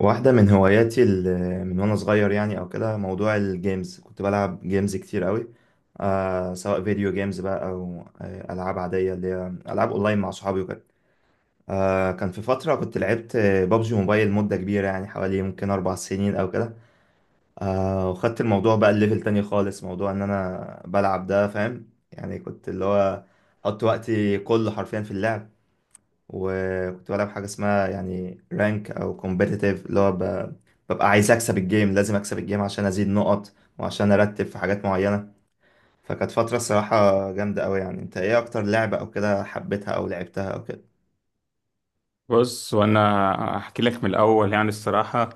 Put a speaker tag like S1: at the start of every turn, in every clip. S1: واحدة من هواياتي من وأنا صغير يعني أو كده موضوع الجيمز، كنت بلعب جيمز كتير قوي، سواء فيديو جيمز بقى أو ألعاب عادية، اللي هي ألعاب أونلاين مع صحابي وكده. كان في فترة كنت لعبت بابجي موبايل مدة كبيرة، يعني حوالي ممكن أربع سنين أو كده. وخدت الموضوع بقى الليفل تاني خالص، موضوع إن أنا بلعب ده فاهم، يعني كنت اللي هو حط وقتي كله حرفيا في اللعب. وكنت بلعب حاجة اسمها يعني رانك أو كومبيتيتيف، اللي هو ببقى عايز أكسب الجيم، لازم أكسب الجيم عشان أزيد نقط وعشان أرتب في حاجات معينة. فكانت فترة الصراحة جامدة أوي. يعني أنت إيه أكتر لعبة أو كده حبيتها أو لعبتها أو كده؟
S2: بص وانا هحكي لك من الاول يعني الصراحه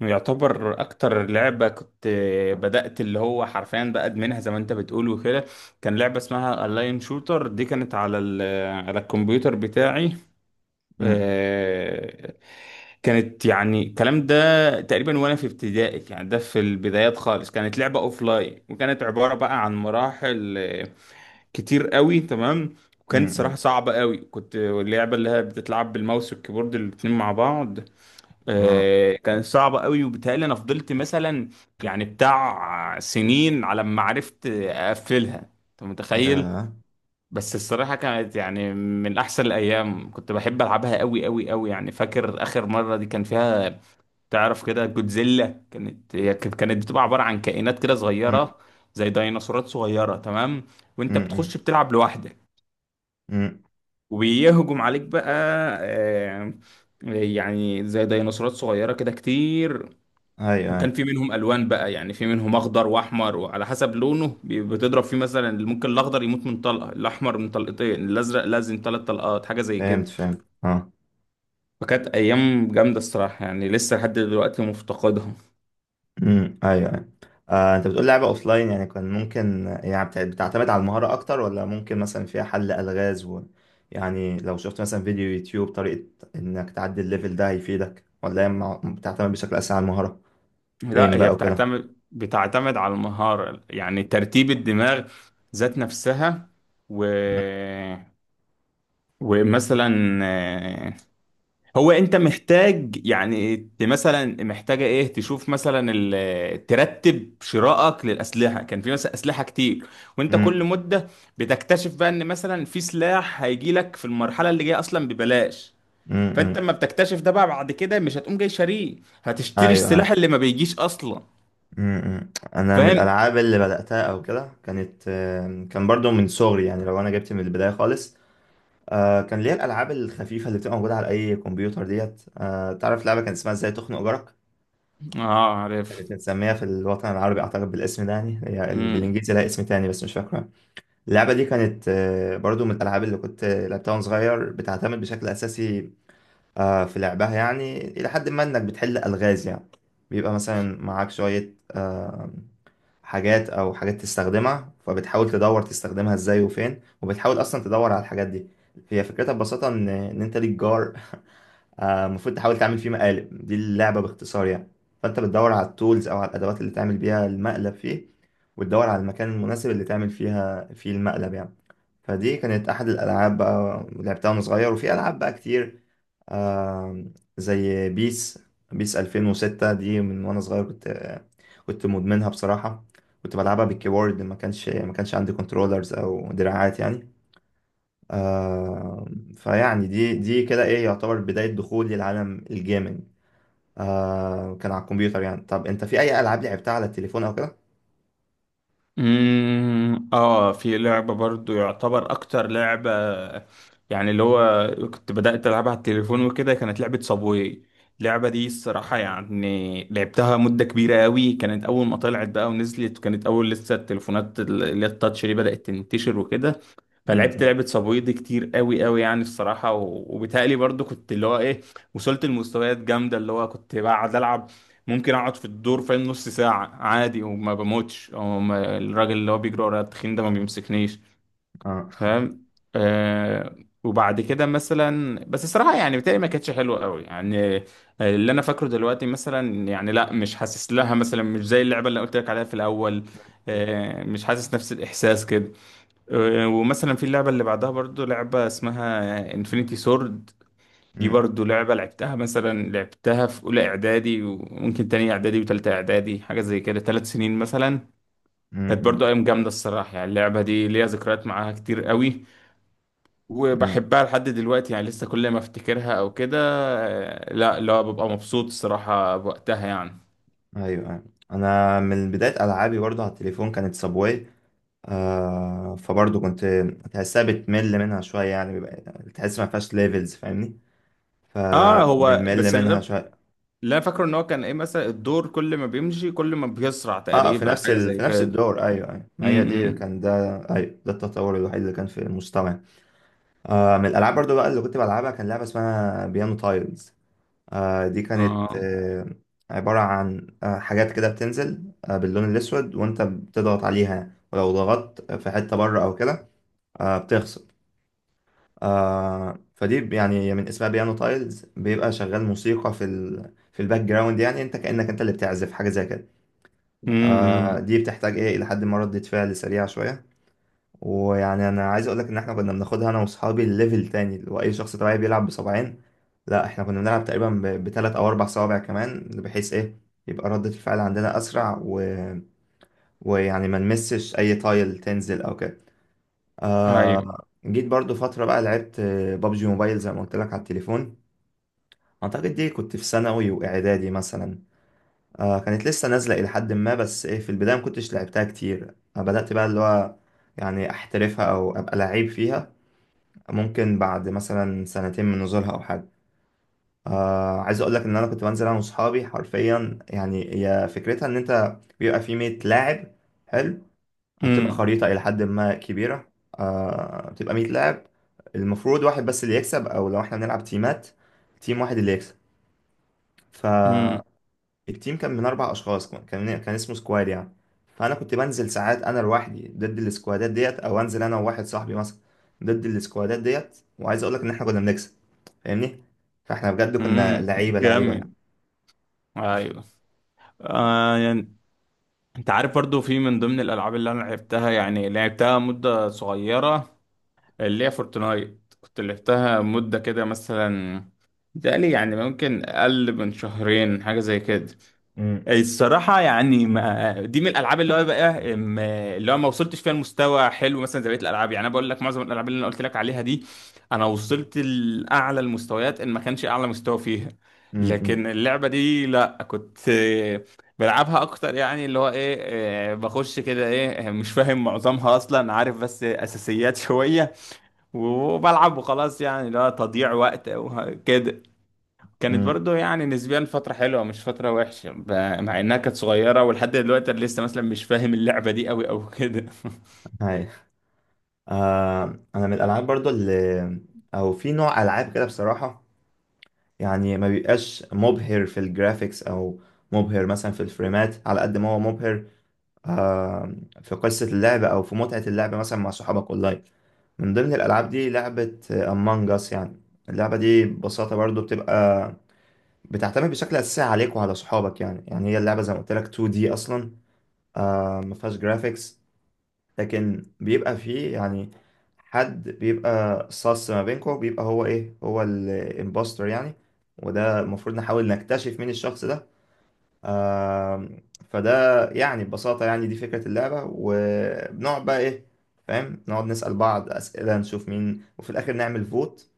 S2: يعتبر اكتر لعبه كنت بدات اللي هو حرفيا بقى ادمنها زي ما انت بتقول وكده. كان لعبه اسمها اللاين شوتر، دي كانت على الكمبيوتر بتاعي.
S1: أمم،
S2: آه، كانت يعني الكلام ده تقريبا وانا في ابتدائي، يعني ده في البدايات خالص. كانت لعبه اوف لاين وكانت عباره بقى عن مراحل كتير قوي، تمام. وكانت
S1: أمم،
S2: صراحة
S1: أمم.
S2: صعبة قوي، كنت اللعبة اللي هي بتتلعب بالماوس والكيبورد الاتنين مع بعض.
S1: أه.
S2: كانت صعبة قوي، وبالتالي انا فضلت مثلا يعني بتاع سنين على ما عرفت اقفلها، انت متخيل؟
S1: يا
S2: بس الصراحة كانت يعني من احسن الايام، كنت بحب العبها قوي قوي قوي. يعني فاكر اخر مرة دي كان فيها، تعرف كده جودزيلا، كانت هي كانت بتبقى عبارة عن كائنات كده
S1: أمم،
S2: صغيرة، زي ديناصورات صغيرة، تمام. وانت
S1: أمم، أمم.
S2: بتخش بتلعب لوحدك
S1: أمم.
S2: وبيهجم عليك بقى. آه، يعني زي ديناصورات صغيرة كده كتير.
S1: أيوه
S2: وكان
S1: أيوه.
S2: في منهم ألوان بقى، يعني في منهم أخضر وأحمر، وعلى حسب لونه بتضرب فيه، مثلا ممكن الأخضر يموت من طلقة، الأحمر من طلقتين، الأزرق لازم 3 طلقات، حاجة زي كده.
S1: فهمت فهمت، أه.
S2: فكانت أيام جامدة الصراحة، يعني لسه لحد دلوقتي مفتقدهم.
S1: امم، ايوه ايوه. آه، انت بتقول لعبة اوفلاين، يعني كان ممكن يعني بتعتمد على المهارة اكتر، ولا ممكن مثلا فيها حل الغاز و... يعني لو شفت مثلا فيديو يوتيوب طريقة انك تعدي الليفل ده هيفيدك، ولا هي بتعتمد بشكل اساسي على المهارة؟
S2: لا،
S1: ايم
S2: هي
S1: بقى وكده.
S2: بتعتمد على المهارة، يعني ترتيب الدماغ ذات نفسها. و
S1: امم.
S2: ومثلا آه، هو انت محتاج يعني مثلا محتاجه ايه، تشوف مثلا ترتب شرائك للاسلحه. كان في مثلا اسلحه كتير، وانت
S1: امم
S2: كل مده بتكتشف بقى ان مثلا في سلاح هيجي لك في المرحله اللي جايه اصلا ببلاش،
S1: امم،
S2: فانت
S1: امم.
S2: اما بتكتشف ده بقى بعد كده مش هتقوم جاي شاريه، هتشتري
S1: ايوه ايوه.
S2: السلاح اللي ما بيجيش اصلا.
S1: انا من
S2: فاهم.
S1: الالعاب اللي بدأتها او كده كانت، كان برضو من صغري، يعني لو انا جبت من البداية خالص، كان ليا الالعاب الخفيفة اللي بتبقى موجودة على اي كمبيوتر ديت. تعرف لعبة كان اسمها ازاي تخنق جارك؟
S2: اه، عارف.
S1: كانت متسمية في الوطن العربي أعتقد بالاسم ده، يعني هي بالإنجليزي لها اسم تاني بس مش فاكرة. اللعبة دي كانت، برضو من الألعاب اللي كنت لعبتها وأنا صغير. بتعتمد بشكل أساسي في لعبها يعني، إلى حد ما إنك بتحل ألغاز يعني. بيبقى مثلا معاك شوية حاجات أو حاجات تستخدمها، فبتحاول تدور تستخدمها إزاي وفين، وبتحاول أصلا تدور على الحاجات دي. هي فكرتها ببساطة إن أنت ليك جار، المفروض تحاول تعمل فيه مقالب. دي اللعبة باختصار يعني. فأنت بتدور على التولز أو على الأدوات اللي تعمل بيها المقلب فيه، وتدور على المكان المناسب اللي تعمل فيها فيه المقلب يعني. فدي كانت أحد الألعاب بقى لعبتها وأنا صغير. وفي ألعاب بقى كتير، آه، زي بيس. بيس 2006 دي من وأنا صغير، كنت كنت مدمنها بصراحة. كنت بلعبها بالكيبورد، ما كانش عندي كنترولرز أو دراعات يعني. آه، فيعني دي كده ايه يعتبر بداية دخولي لعالم الجيمنج. آه كان على الكمبيوتر يعني. طب انت في اي العاب لعبتها على التليفون او كده؟
S2: امم، اه، في لعبة برضو يعتبر اكتر لعبة، يعني اللي هو كنت بدأت العبها على التليفون وكده، كانت لعبة صابواي. اللعبة دي الصراحة يعني لعبتها مدة كبيرة قوي، كانت اول ما طلعت بقى ونزلت، وكانت اول لسه التليفونات اللي هي التاتش دي بدأت تنتشر وكده. فلعبت
S1: امم
S2: لعبة صابوي دي كتير قوي قوي يعني الصراحة، وبالتالي برضو كنت اللي هو ايه، وصلت لمستويات جامدة، اللي هو كنت بقعد ألعب، ممكن أقعد في الدور فاهم نص ساعة عادي وما بموتش، أو ما الراجل اللي هو بيجري ورايا التخين ده ما بيمسكنيش.
S1: اه.
S2: فاهم. آه. وبعد كده مثلا بس الصراحة يعني بتاعي ما كانتش حلوة قوي يعني. اللي أنا فاكره دلوقتي مثلا يعني لا، مش حاسس لها مثلا، مش زي اللعبة اللي قلت لك عليها في الأول. مش حاسس نفس الإحساس كده. ومثلا في اللعبة اللي بعدها برضو، لعبة اسمها انفينيتي سورد، دي
S1: امم.
S2: برضو لعبة لعبتها مثلا، لعبتها في أولى إعدادي وممكن تانية إعدادي وتالتة إعدادي، حاجة زي كده 3 سنين مثلا. كانت
S1: امم.
S2: برضو أيام جامدة الصراحة، يعني اللعبة دي ليها ذكريات معاها كتير قوي،
S1: امم.
S2: وبحبها لحد دلوقتي، يعني لسه كل ما افتكرها أو كده لا لا، ببقى مبسوط الصراحة بوقتها يعني.
S1: ايوه، أيوة. انا من بداية العابي برضه على التليفون كانت سابواي. آه فبرضه كنت تحسها بتمل منها شوية، يعني تحس ما فيهاش ليفلز فاهمني،
S2: اه، هو
S1: فبنمل
S2: بس اللي
S1: منها شوية.
S2: اللي انا فاكره ان هو كان ايه، مثلا الدور كل ما بيمشي كل ما بيسرع
S1: اه، في
S2: تقريبا،
S1: نفس
S2: حاجه
S1: ال...
S2: زي
S1: في نفس
S2: كده.
S1: الدور، ايوه ايوه،
S2: م-
S1: ما هي دي
S2: م.
S1: كان ده، ايوه ده التطور الوحيد اللي كان في المستوى. آه، من الالعاب برضو بقى اللي كنت بلعبها كان لعبه اسمها بيانو تايلز. آه دي كانت
S2: اه.
S1: آه عباره عن حاجات كده بتنزل باللون الاسود، وانت بتضغط عليها. ولو ضغطت في حته بره او كده، بتخسر. آه، فدي يعني من اسمها بيانو تايلز، بيبقى شغال موسيقى في ال... في الباك جراوند، يعني انت كانك انت اللي بتعزف حاجه زي كده. آه،
S2: امم.
S1: دي بتحتاج ايه، الى حد ما ردة فعل سريعة شوية. ويعني انا عايز اقولك ان احنا كنا بناخدها انا واصحابي ليفل تاني، اللي هو اي شخص طبيعي بيلعب بصبعين، لا احنا كنا بنلعب تقريبا بتلات او اربع صوابع كمان، بحيث ايه يبقى ردة الفعل عندنا اسرع، و... ويعني ما نمسش اي تايل تنزل او كده.
S2: ايوه.
S1: آه... جيت برضو فترة بقى لعبت، بابجي موبايل زي ما قلت لك على التليفون. اعتقد دي كنت في ثانوي واعدادي مثلا. آه كانت لسه نازلة إلى حد ما، بس إيه في البداية ما كنتش لعبتها كتير. آه، بدأت بقى اللي هو يعني أحترفها أو أبقى لعيب فيها ممكن بعد مثلا سنتين من نزولها أو حاجة. آه عايز أقول لك إن أنا كنت بنزل أنا وصحابي حرفيا. يعني هي فكرتها إن أنت بيبقى في 100 لاعب، حلو، بتبقى
S2: امم.
S1: خريطة إلى حد ما كبيرة. آه بتبقى 100 لاعب، المفروض واحد بس اللي يكسب، أو لو إحنا بنلعب تيمات تيم واحد اللي يكسب. ف،
S2: امم.
S1: التيم كان من اربع اشخاص، كان اسمه سكواد يعني. فانا كنت بنزل ساعات انا لوحدي ضد السكوادات ديت، او انزل انا وواحد صاحبي مثلا ضد السكوادات ديت. وعايز اقول لك ان احنا كنا بنكسب، فاهمني. فاحنا بجد كنا
S2: امم.
S1: لعيبه يعني.
S2: جامد. ايوه. آه يعني، انت عارف برضو في من ضمن الالعاب اللي انا لعبتها، يعني لعبتها مدة صغيرة، اللي هي فورتنايت، كنت لعبتها مدة كده مثلا، بتهيألي يعني ممكن اقل من شهرين، حاجة زي كده.
S1: امم
S2: الصراحة يعني ما دي من الألعاب اللي هو بقى اللي هو ما وصلتش فيها لمستوى حلو، مثلا زي بقية الألعاب. يعني أنا بقول لك، معظم الألعاب اللي أنا قلت لك عليها دي أنا وصلت لأعلى المستويات، إن ما كانش أعلى مستوى فيها. لكن
S1: امم.
S2: اللعبة دي لأ، كنت بلعبها أكتر، يعني اللي هو إيه، بخش كده إيه، مش فاهم معظمها أصلا عارف، بس أساسيات شوية، وبلعب وخلاص، يعني اللي هو تضييع وقت وكده. كانت
S1: امم.
S2: برضو يعني نسبيا فترة حلوة، مش فترة وحشة مع انها كانت صغيرة، ولحد دلوقتي انا لسه مثلا مش فاهم اللعبة دي قوي او كده.
S1: هاي، آه. انا من الالعاب برضو اللي، او في نوع العاب كده بصراحه، يعني ما بيبقاش مبهر في الجرافيكس، او مبهر مثلا في الفريمات، على قد ما هو مبهر آه، في قصة اللعب أو في متعة اللعب مثلا مع صحابك أونلاين. من ضمن الألعاب دي لعبة أمانج أس يعني. اللعبة دي ببساطة برضو بتبقى بتعتمد بشكل أساسي عليك وعلى صحابك يعني. يعني هي اللعبة زي ما قلت لك 2D أصلا، آه ما فيهاش جرافيكس، لكن بيبقى فيه يعني حد بيبقى صاص ما بينكم، بيبقى هو إيه، هو الإمباستر يعني. وده المفروض نحاول نكتشف مين الشخص ده. آم، فده يعني ببساطة يعني دي فكرة اللعبة. وبنقعد بقى إيه، فاهم، نقعد نسأل بعض أسئلة نشوف مين، وفي الآخر نعمل فوت.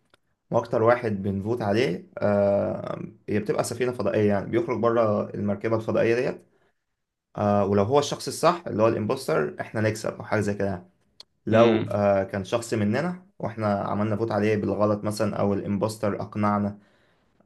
S1: وأكتر واحد بنفوت عليه، هي بتبقى سفينة فضائية، يعني بيخرج بره المركبة الفضائية ديت. آه، ولو هو الشخص الصح اللي هو الإمبوستر، إحنا نكسب أو حاجة زي كده يعني. لو
S2: امم.
S1: كان شخص مننا وإحنا عملنا فوت عليه بالغلط مثلا، أو الإمبوستر أقنعنا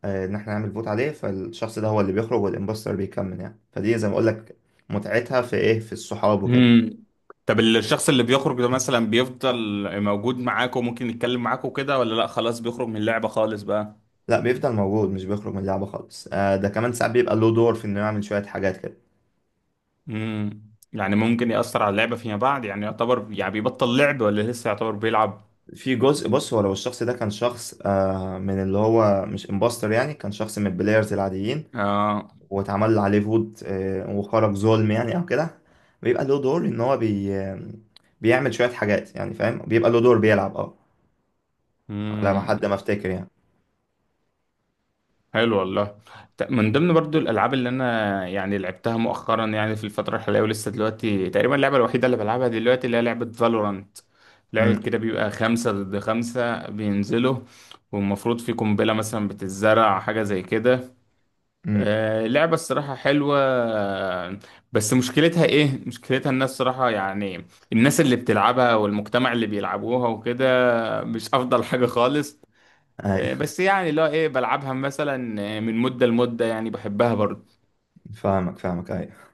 S1: ان احنا نعمل فوت عليه، فالشخص ده هو اللي بيخرج والامبوستر بيكمل يعني. فدي زي ما اقول لك متعتها في ايه، في الصحاب وكده.
S2: امم. طب الشخص اللي بيخرج ده مثلا بيفضل موجود معاك وممكن يتكلم معاك وكده، ولا لا خلاص بيخرج من اللعبة خالص بقى؟
S1: لا بيفضل موجود، مش بيخرج من اللعبه خالص. آه، ده كمان ساعات بيبقى له دور في انه يعمل شويه حاجات كده.
S2: امم. يعني ممكن يأثر على اللعبة فيما بعد؟ يعني يعتبر يعني بيبطل لعب، ولا لسه يعتبر بيلعب؟
S1: في جزء، بص، هو لو الشخص ده كان شخص من اللي هو مش امبوستر، يعني كان شخص من البلايرز العاديين
S2: اه.
S1: واتعمل عليه فوت، وخرج ظلم يعني او كده، بيبقى له دور، ان هو بيعمل شويه حاجات يعني، فاهم، بيبقى له دور بيلعب، اه، على ما حد
S2: امم.
S1: ما افتكر يعني.
S2: حلو والله. من ضمن برضو الالعاب اللي انا يعني لعبتها مؤخرا، يعني في الفتره الحاليه ولسه دلوقتي تقريبا اللعبه الوحيده اللي بلعبها دلوقتي، اللي هي لعبه فالورانت. لعبه كده بيبقى 5 ضد 5 بينزلوا، والمفروض في قنبله مثلا بتتزرع، حاجه زي كده. آه لعبه الصراحه حلوه، بس مشكلتها ايه، مشكلتها الناس صراحه يعني. الناس اللي بتلعبها والمجتمع اللي بيلعبوها وكده مش افضل حاجه خالص.
S1: امم.
S2: بس يعني اللي هو ايه، بلعبها مثلا من مدة لمدة، يعني بحبها برضه.
S1: فاهمك فاهمك أي.